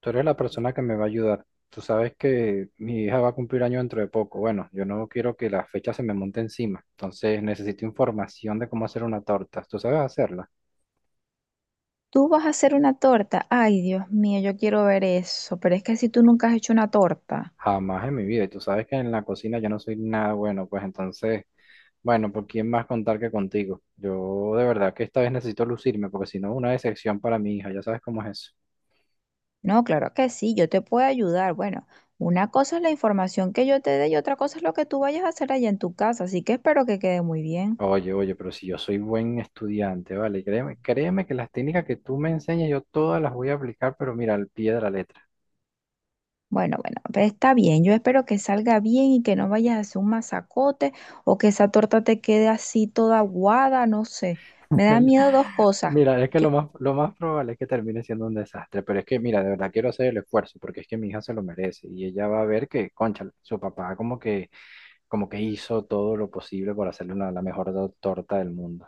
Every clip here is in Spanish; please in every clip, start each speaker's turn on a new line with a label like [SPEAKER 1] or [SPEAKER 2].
[SPEAKER 1] Tú eres la persona que me va a ayudar. Tú sabes que mi hija va a cumplir año dentro de poco. Bueno, yo no quiero que la fecha se me monte encima. Entonces necesito información de cómo hacer una torta. ¿Tú sabes hacerla?
[SPEAKER 2] Tú vas a hacer una torta. Ay, Dios mío, yo quiero ver eso. Pero es que si tú nunca has hecho una torta.
[SPEAKER 1] Jamás en mi vida. Y tú sabes que en la cocina yo no soy nada bueno. Pues entonces, bueno, ¿por quién más contar que contigo? Yo de verdad que esta vez necesito lucirme porque si no es una decepción para mi hija. Ya sabes cómo es eso.
[SPEAKER 2] No, claro que sí, yo te puedo ayudar. Bueno, una cosa es la información que yo te dé y otra cosa es lo que tú vayas a hacer allá en tu casa. Así que espero que quede muy bien.
[SPEAKER 1] Oye, oye, pero si yo soy buen estudiante, vale, créeme, créeme que las técnicas que tú me enseñas yo todas las voy a aplicar, pero mira, al pie de la letra.
[SPEAKER 2] Bueno, pues está bien. Yo espero que salga bien y que no vayas a hacer un masacote o que esa torta te quede así toda aguada, no sé. Me da
[SPEAKER 1] El-
[SPEAKER 2] miedo dos cosas.
[SPEAKER 1] Mira, es que lo más probable es que termine siendo un desastre, pero es que, mira, de verdad quiero hacer el esfuerzo porque es que mi hija se lo merece y ella va a ver que, concha, su papá como que hizo todo lo posible por hacerle la mejor torta del mundo.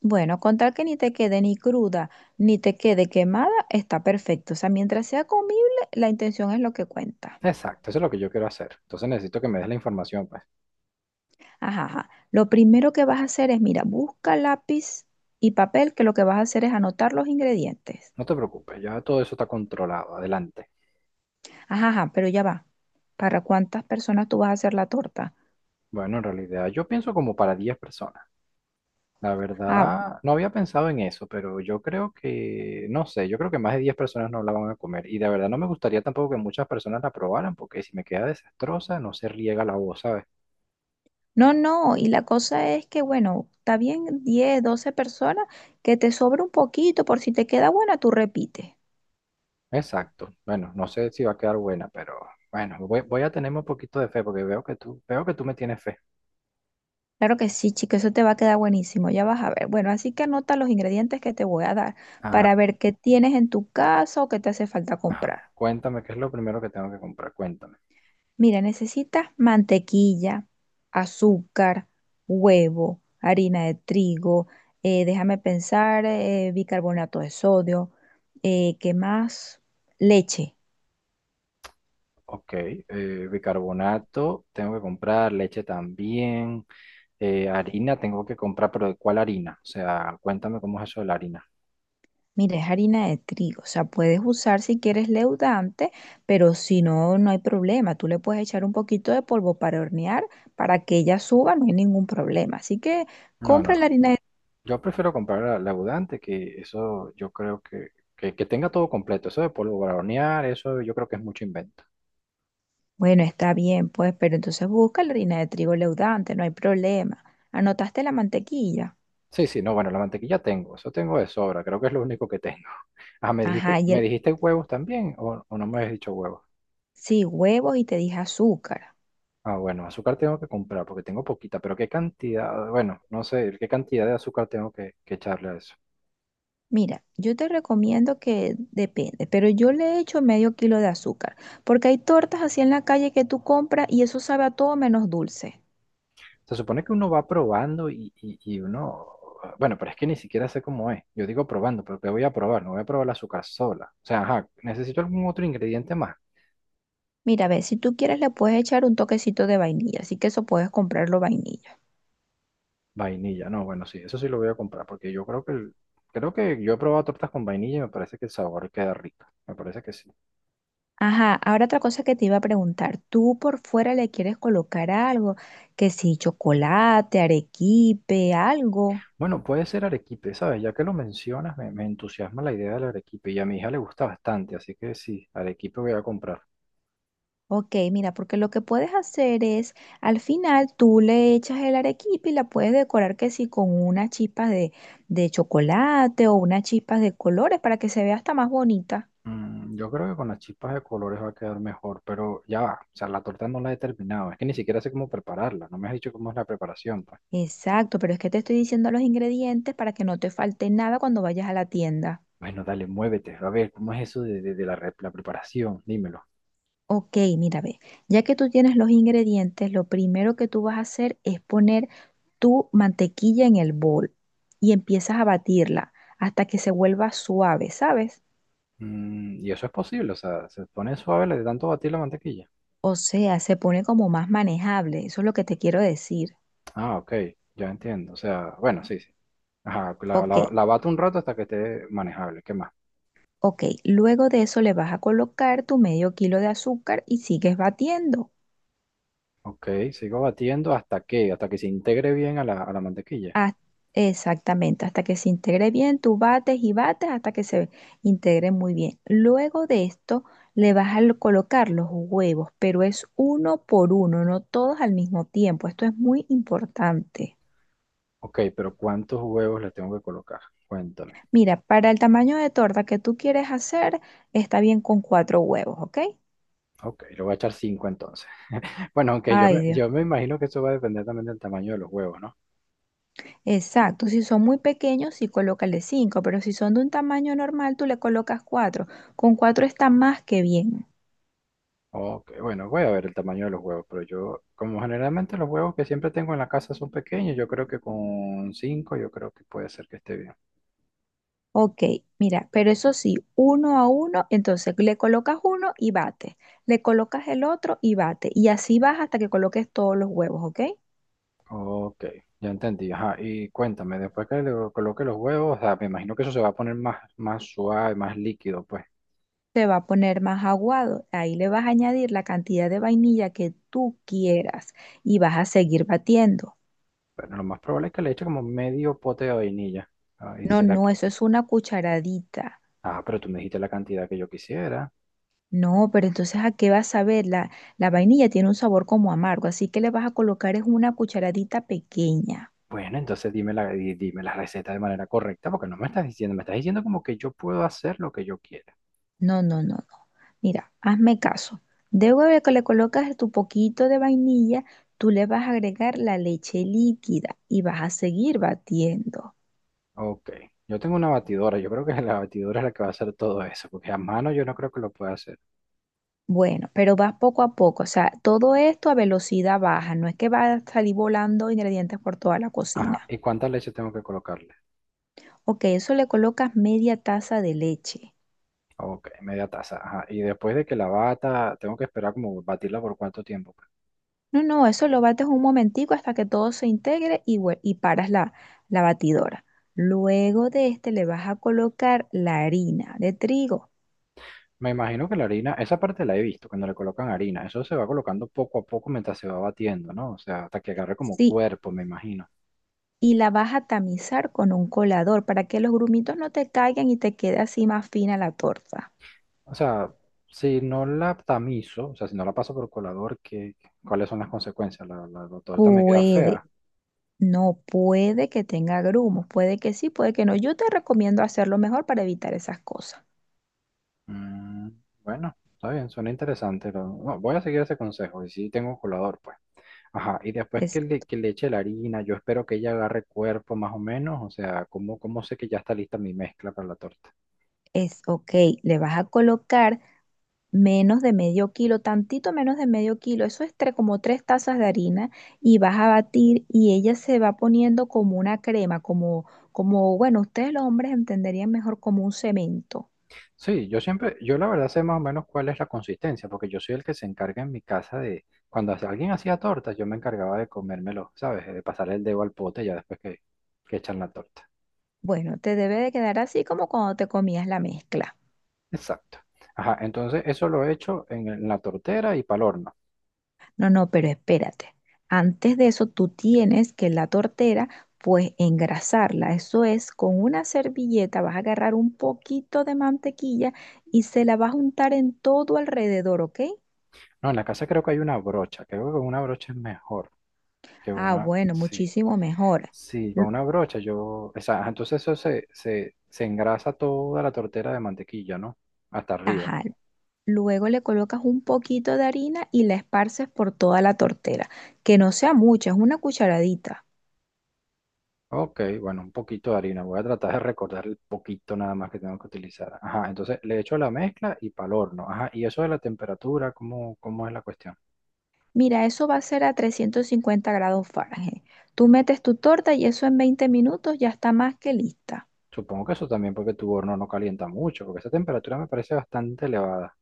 [SPEAKER 2] Bueno, con tal que ni te quede ni cruda ni te quede quemada, está perfecto. O sea, mientras sea comible, la intención es lo que cuenta.
[SPEAKER 1] Exacto, eso es lo que yo quiero hacer. Entonces necesito que me des la información, pues.
[SPEAKER 2] Ajá, ajá. Lo primero que vas a hacer es, mira, busca lápiz y papel, que lo que vas a hacer es anotar los ingredientes.
[SPEAKER 1] No te preocupes, ya todo eso está controlado. Adelante.
[SPEAKER 2] Ajá, ajá, pero ya va. ¿Para cuántas personas tú vas a hacer la torta?
[SPEAKER 1] Bueno, en realidad yo pienso como para 10 personas. La
[SPEAKER 2] Ah,
[SPEAKER 1] verdad, no había pensado en eso, pero yo creo que, no sé, yo creo que más de 10 personas no la van a comer. Y de verdad no me gustaría tampoco que muchas personas la probaran, porque si me queda desastrosa, no se riega la voz, ¿sabes?
[SPEAKER 2] no, no. Y la cosa es que, bueno, está bien 10, 12 personas, que te sobra un poquito, por si te queda buena, tú repites.
[SPEAKER 1] Exacto. Bueno, no sé si va a quedar buena, pero bueno, voy a tenerme un poquito de fe, porque veo que tú me tienes fe.
[SPEAKER 2] Claro que sí, chico, eso te va a quedar buenísimo, ya vas a ver. Bueno, así que anota los ingredientes que te voy a dar para
[SPEAKER 1] Ajá,
[SPEAKER 2] ver qué tienes en tu casa o qué te hace falta
[SPEAKER 1] ajá.
[SPEAKER 2] comprar.
[SPEAKER 1] Cuéntame, ¿qué es lo primero que tengo que comprar? Cuéntame.
[SPEAKER 2] Mira, necesitas mantequilla, azúcar, huevo, harina de trigo, déjame pensar, bicarbonato de sodio, ¿qué más? Leche.
[SPEAKER 1] Ok, bicarbonato, tengo que comprar leche también. Harina tengo que comprar, pero ¿de cuál harina? O sea, cuéntame cómo es eso de la harina.
[SPEAKER 2] Mira, es harina de trigo, o sea, puedes usar si quieres leudante, pero si no, no hay problema. Tú le puedes echar un poquito de polvo para hornear, para que ella suba, no hay ningún problema. Así que
[SPEAKER 1] No,
[SPEAKER 2] compra
[SPEAKER 1] no.
[SPEAKER 2] la harina de trigo.
[SPEAKER 1] Yo prefiero comprar la abundante, que eso yo creo que tenga todo completo. Eso de polvo para hornear, eso yo creo que es mucho invento.
[SPEAKER 2] Bueno, está bien, pues, pero entonces busca la harina de trigo leudante, no hay problema. Anotaste la mantequilla.
[SPEAKER 1] Sí, sí, no, bueno, la mantequilla tengo, eso tengo de sobra, creo que es lo único que tengo. Ah, ¿me dijiste,
[SPEAKER 2] Ajá, y
[SPEAKER 1] me
[SPEAKER 2] el...
[SPEAKER 1] dijiste huevos también o no me has dicho huevos?
[SPEAKER 2] Sí, huevos y te dije azúcar.
[SPEAKER 1] Ah, bueno, azúcar tengo que comprar porque tengo poquita, pero ¿qué cantidad? Bueno, no sé, ¿qué cantidad de azúcar tengo que echarle a eso?
[SPEAKER 2] Mira, yo te recomiendo que depende, pero yo le echo medio kilo de azúcar, porque hay tortas así en la calle que tú compras y eso sabe a todo menos dulce.
[SPEAKER 1] Se supone que uno va probando y uno, bueno, pero es que ni siquiera sé cómo es. Yo digo probando, pero ¿qué voy a probar? No voy a probar el azúcar sola. O sea, ajá, necesito algún otro ingrediente más.
[SPEAKER 2] Mira, a ver, si tú quieres le puedes echar un toquecito de vainilla, así que eso puedes comprarlo vainilla.
[SPEAKER 1] Vainilla, no, bueno, sí, eso sí lo voy a comprar, porque yo creo que, creo que yo he probado tortas con vainilla y me parece que el sabor queda rico. Me parece que sí.
[SPEAKER 2] Ajá, ahora otra cosa que te iba a preguntar, ¿tú por fuera le quieres colocar algo? Que si chocolate, arequipe, algo.
[SPEAKER 1] Bueno, puede ser arequipe, ¿sabes? Ya que lo mencionas, me entusiasma la idea del arequipe y a mi hija le gusta bastante, así que sí, arequipe voy a comprar.
[SPEAKER 2] Ok, mira, porque lo que puedes hacer es, al final tú le echas el arequipe y la puedes decorar que sí con unas chispas de chocolate o unas chispas de colores para que se vea hasta más bonita.
[SPEAKER 1] Mm, yo creo que con las chispas de colores va a quedar mejor, pero ya va. O sea, la torta no la he terminado. Es que ni siquiera sé cómo prepararla. No me has dicho cómo es la preparación, pues.
[SPEAKER 2] Exacto, pero es que te estoy diciendo los ingredientes para que no te falte nada cuando vayas a la tienda.
[SPEAKER 1] Bueno, dale, muévete. A ver, ¿cómo es eso de la, la preparación? Dímelo.
[SPEAKER 2] Ok, mira, ve, ya que tú tienes los ingredientes, lo primero que tú vas a hacer es poner tu mantequilla en el bol y empiezas a batirla hasta que se vuelva suave, ¿sabes?
[SPEAKER 1] Mm, y eso es posible, o sea, se pone suave le de tanto batir la mantequilla.
[SPEAKER 2] O sea, se pone como más manejable, eso es lo que te quiero decir.
[SPEAKER 1] Ah, ok, ya entiendo. O sea, bueno, sí, sí. Ajá, la,
[SPEAKER 2] Ok,
[SPEAKER 1] la, la bato un rato hasta que esté manejable. ¿Qué más?
[SPEAKER 2] ok, luego de eso le vas a colocar tu medio kilo de azúcar y sigues batiendo.
[SPEAKER 1] Ok, sigo batiendo hasta que se integre bien a la mantequilla.
[SPEAKER 2] Haz- Exactamente, hasta que se integre bien, tú bates y bates hasta que se integre muy bien. Luego de esto le vas a colocar los huevos, pero es uno por uno, no todos al mismo tiempo. Esto es muy importante.
[SPEAKER 1] Ok, pero ¿cuántos huevos le tengo que colocar? Cuéntame.
[SPEAKER 2] Mira, para el tamaño de torta que tú quieres hacer, está bien con cuatro huevos, ¿ok?
[SPEAKER 1] Ok, le voy a echar 5 entonces. Bueno, aunque yo
[SPEAKER 2] Ay,
[SPEAKER 1] me,
[SPEAKER 2] Dios.
[SPEAKER 1] yo me imagino que eso va a depender también del tamaño de los huevos, ¿no?
[SPEAKER 2] Exacto, si son muy pequeños, sí colócale cinco, pero si son de un tamaño normal, tú le colocas cuatro. Con cuatro está más que bien.
[SPEAKER 1] Ok, bueno, voy a ver el tamaño de los huevos, pero yo, como generalmente los huevos que siempre tengo en la casa son pequeños, yo creo que con 5 yo creo que puede ser que esté bien.
[SPEAKER 2] Ok, mira, pero eso sí, uno a uno, entonces le colocas uno y bate, le colocas el otro y bate, y así vas hasta que coloques todos los huevos, ¿ok?
[SPEAKER 1] Ok, ya entendí. Ajá, y cuéntame, después que le coloque los huevos, o sea, me imagino que eso se va a poner más, más suave, más líquido, pues.
[SPEAKER 2] Se va a poner más aguado, ahí le vas a añadir la cantidad de vainilla que tú quieras y vas a seguir batiendo.
[SPEAKER 1] Bueno, lo más probable es que le eche como medio pote de vainilla. Ah, y
[SPEAKER 2] No,
[SPEAKER 1] será
[SPEAKER 2] no,
[SPEAKER 1] que...
[SPEAKER 2] eso es una cucharadita.
[SPEAKER 1] Ah, pero tú me dijiste la cantidad que yo quisiera.
[SPEAKER 2] No, pero entonces ¿a qué vas a ver? La vainilla tiene un sabor como amargo, así que le vas a colocar es una cucharadita pequeña.
[SPEAKER 1] Bueno, entonces dime la receta de manera correcta, porque no me estás diciendo, me estás diciendo como que yo puedo hacer lo que yo quiera.
[SPEAKER 2] No, no, no, no. Mira, hazme caso. Luego de que le colocas tu poquito de vainilla, tú le vas a agregar la leche líquida y vas a seguir batiendo.
[SPEAKER 1] Ok, yo tengo una batidora, yo creo que la batidora es la que va a hacer todo eso, porque a mano yo no creo que lo pueda hacer.
[SPEAKER 2] Bueno, pero vas poco a poco, o sea, todo esto a velocidad baja, no es que va a salir volando ingredientes por toda la
[SPEAKER 1] Ajá,
[SPEAKER 2] cocina.
[SPEAKER 1] ¿y cuánta leche tengo que colocarle?
[SPEAKER 2] Ok, eso le colocas media taza de leche.
[SPEAKER 1] Ok, media taza, ajá. Y después de que la bata, tengo que esperar como batirla por cuánto tiempo, pues.
[SPEAKER 2] No, no, eso lo bates un momentico hasta que todo se integre y, y paras la batidora. Luego de este le vas a colocar la harina de trigo,
[SPEAKER 1] Me imagino que la harina, esa parte la he visto, cuando le colocan harina, eso se va colocando poco a poco mientras se va batiendo, ¿no? O sea, hasta que agarre como
[SPEAKER 2] sí,
[SPEAKER 1] cuerpo, me imagino.
[SPEAKER 2] y la vas a tamizar con un colador para que los grumitos no te caigan y te quede así más fina la torta.
[SPEAKER 1] O sea, si no la tamizo, o sea, si no la paso por colador, cuáles son las consecuencias? ¿La torta me queda
[SPEAKER 2] Puede,
[SPEAKER 1] fea?
[SPEAKER 2] no puede que tenga grumos, puede que sí, puede que no. Yo te recomiendo hacerlo mejor para evitar esas cosas.
[SPEAKER 1] Mm, bueno, está bien, suena interesante. No voy a seguir ese consejo y si tengo colador, pues. Ajá, y después que
[SPEAKER 2] Es,
[SPEAKER 1] le, que le eche la harina, yo espero que ella agarre cuerpo más o menos, o sea, ¿cómo sé que ya está lista mi mezcla para la torta?
[SPEAKER 2] es Ok, le vas a colocar menos de medio kilo, tantito menos de medio kilo, eso es como tres tazas de harina y vas a batir y ella se va poniendo como una crema, como, como, bueno, ustedes los hombres entenderían mejor como un cemento.
[SPEAKER 1] Sí, yo siempre, yo la verdad sé más o menos cuál es la consistencia, porque yo soy el que se encarga en mi casa de, cuando alguien hacía tortas, yo me encargaba de comérmelo, ¿sabes? De pasar el dedo al pote ya después que echan la torta.
[SPEAKER 2] Bueno, te debe de quedar así como cuando te comías la mezcla.
[SPEAKER 1] Exacto. Ajá, entonces eso lo he hecho en la tortera y pal horno.
[SPEAKER 2] No, no, pero espérate. Antes de eso, tú tienes que la tortera, pues engrasarla. Eso es, con una servilleta vas a agarrar un poquito de mantequilla y se la vas a untar en todo alrededor, ¿ok?
[SPEAKER 1] No, en la casa creo que hay una brocha, creo que con una brocha es mejor que
[SPEAKER 2] Ah,
[SPEAKER 1] una,
[SPEAKER 2] bueno,
[SPEAKER 1] sí,
[SPEAKER 2] muchísimo mejor.
[SPEAKER 1] sí, con
[SPEAKER 2] L-
[SPEAKER 1] una brocha yo, o sea, entonces eso se engrasa toda la tortera de mantequilla, ¿no? Hasta arriba.
[SPEAKER 2] Ajá. Luego le colocas un poquito de harina y la esparces por toda la tortera. Que no sea mucha, es una cucharadita.
[SPEAKER 1] Ok, bueno, un poquito de harina. Voy a tratar de recordar el poquito nada más que tengo que utilizar. Ajá, entonces le echo la mezcla y para el horno. Ajá, y eso de la temperatura, ¿cómo es la cuestión?
[SPEAKER 2] Mira, eso va a ser a 350 grados Fahrenheit. Tú metes tu torta y eso en 20 minutos ya está más que lista.
[SPEAKER 1] Supongo que eso también porque tu horno no calienta mucho, porque esa temperatura me parece bastante elevada.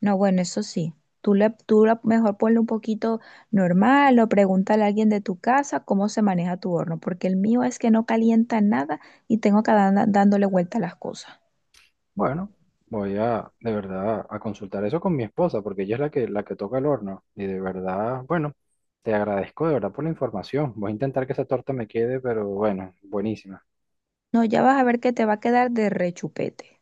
[SPEAKER 2] No, bueno, eso sí. Tú, le, tú la- Mejor ponle un poquito normal o pregúntale a alguien de tu casa cómo se maneja tu horno, porque el mío es que no calienta nada y tengo que dándole vuelta a las cosas.
[SPEAKER 1] Bueno, voy a de verdad a consultar eso con mi esposa, porque ella es la que toca el horno. Y de verdad, bueno, te agradezco de verdad por la información. Voy a intentar que esa torta me quede, pero bueno, buenísima.
[SPEAKER 2] No, ya vas a ver que te va a quedar de rechupete.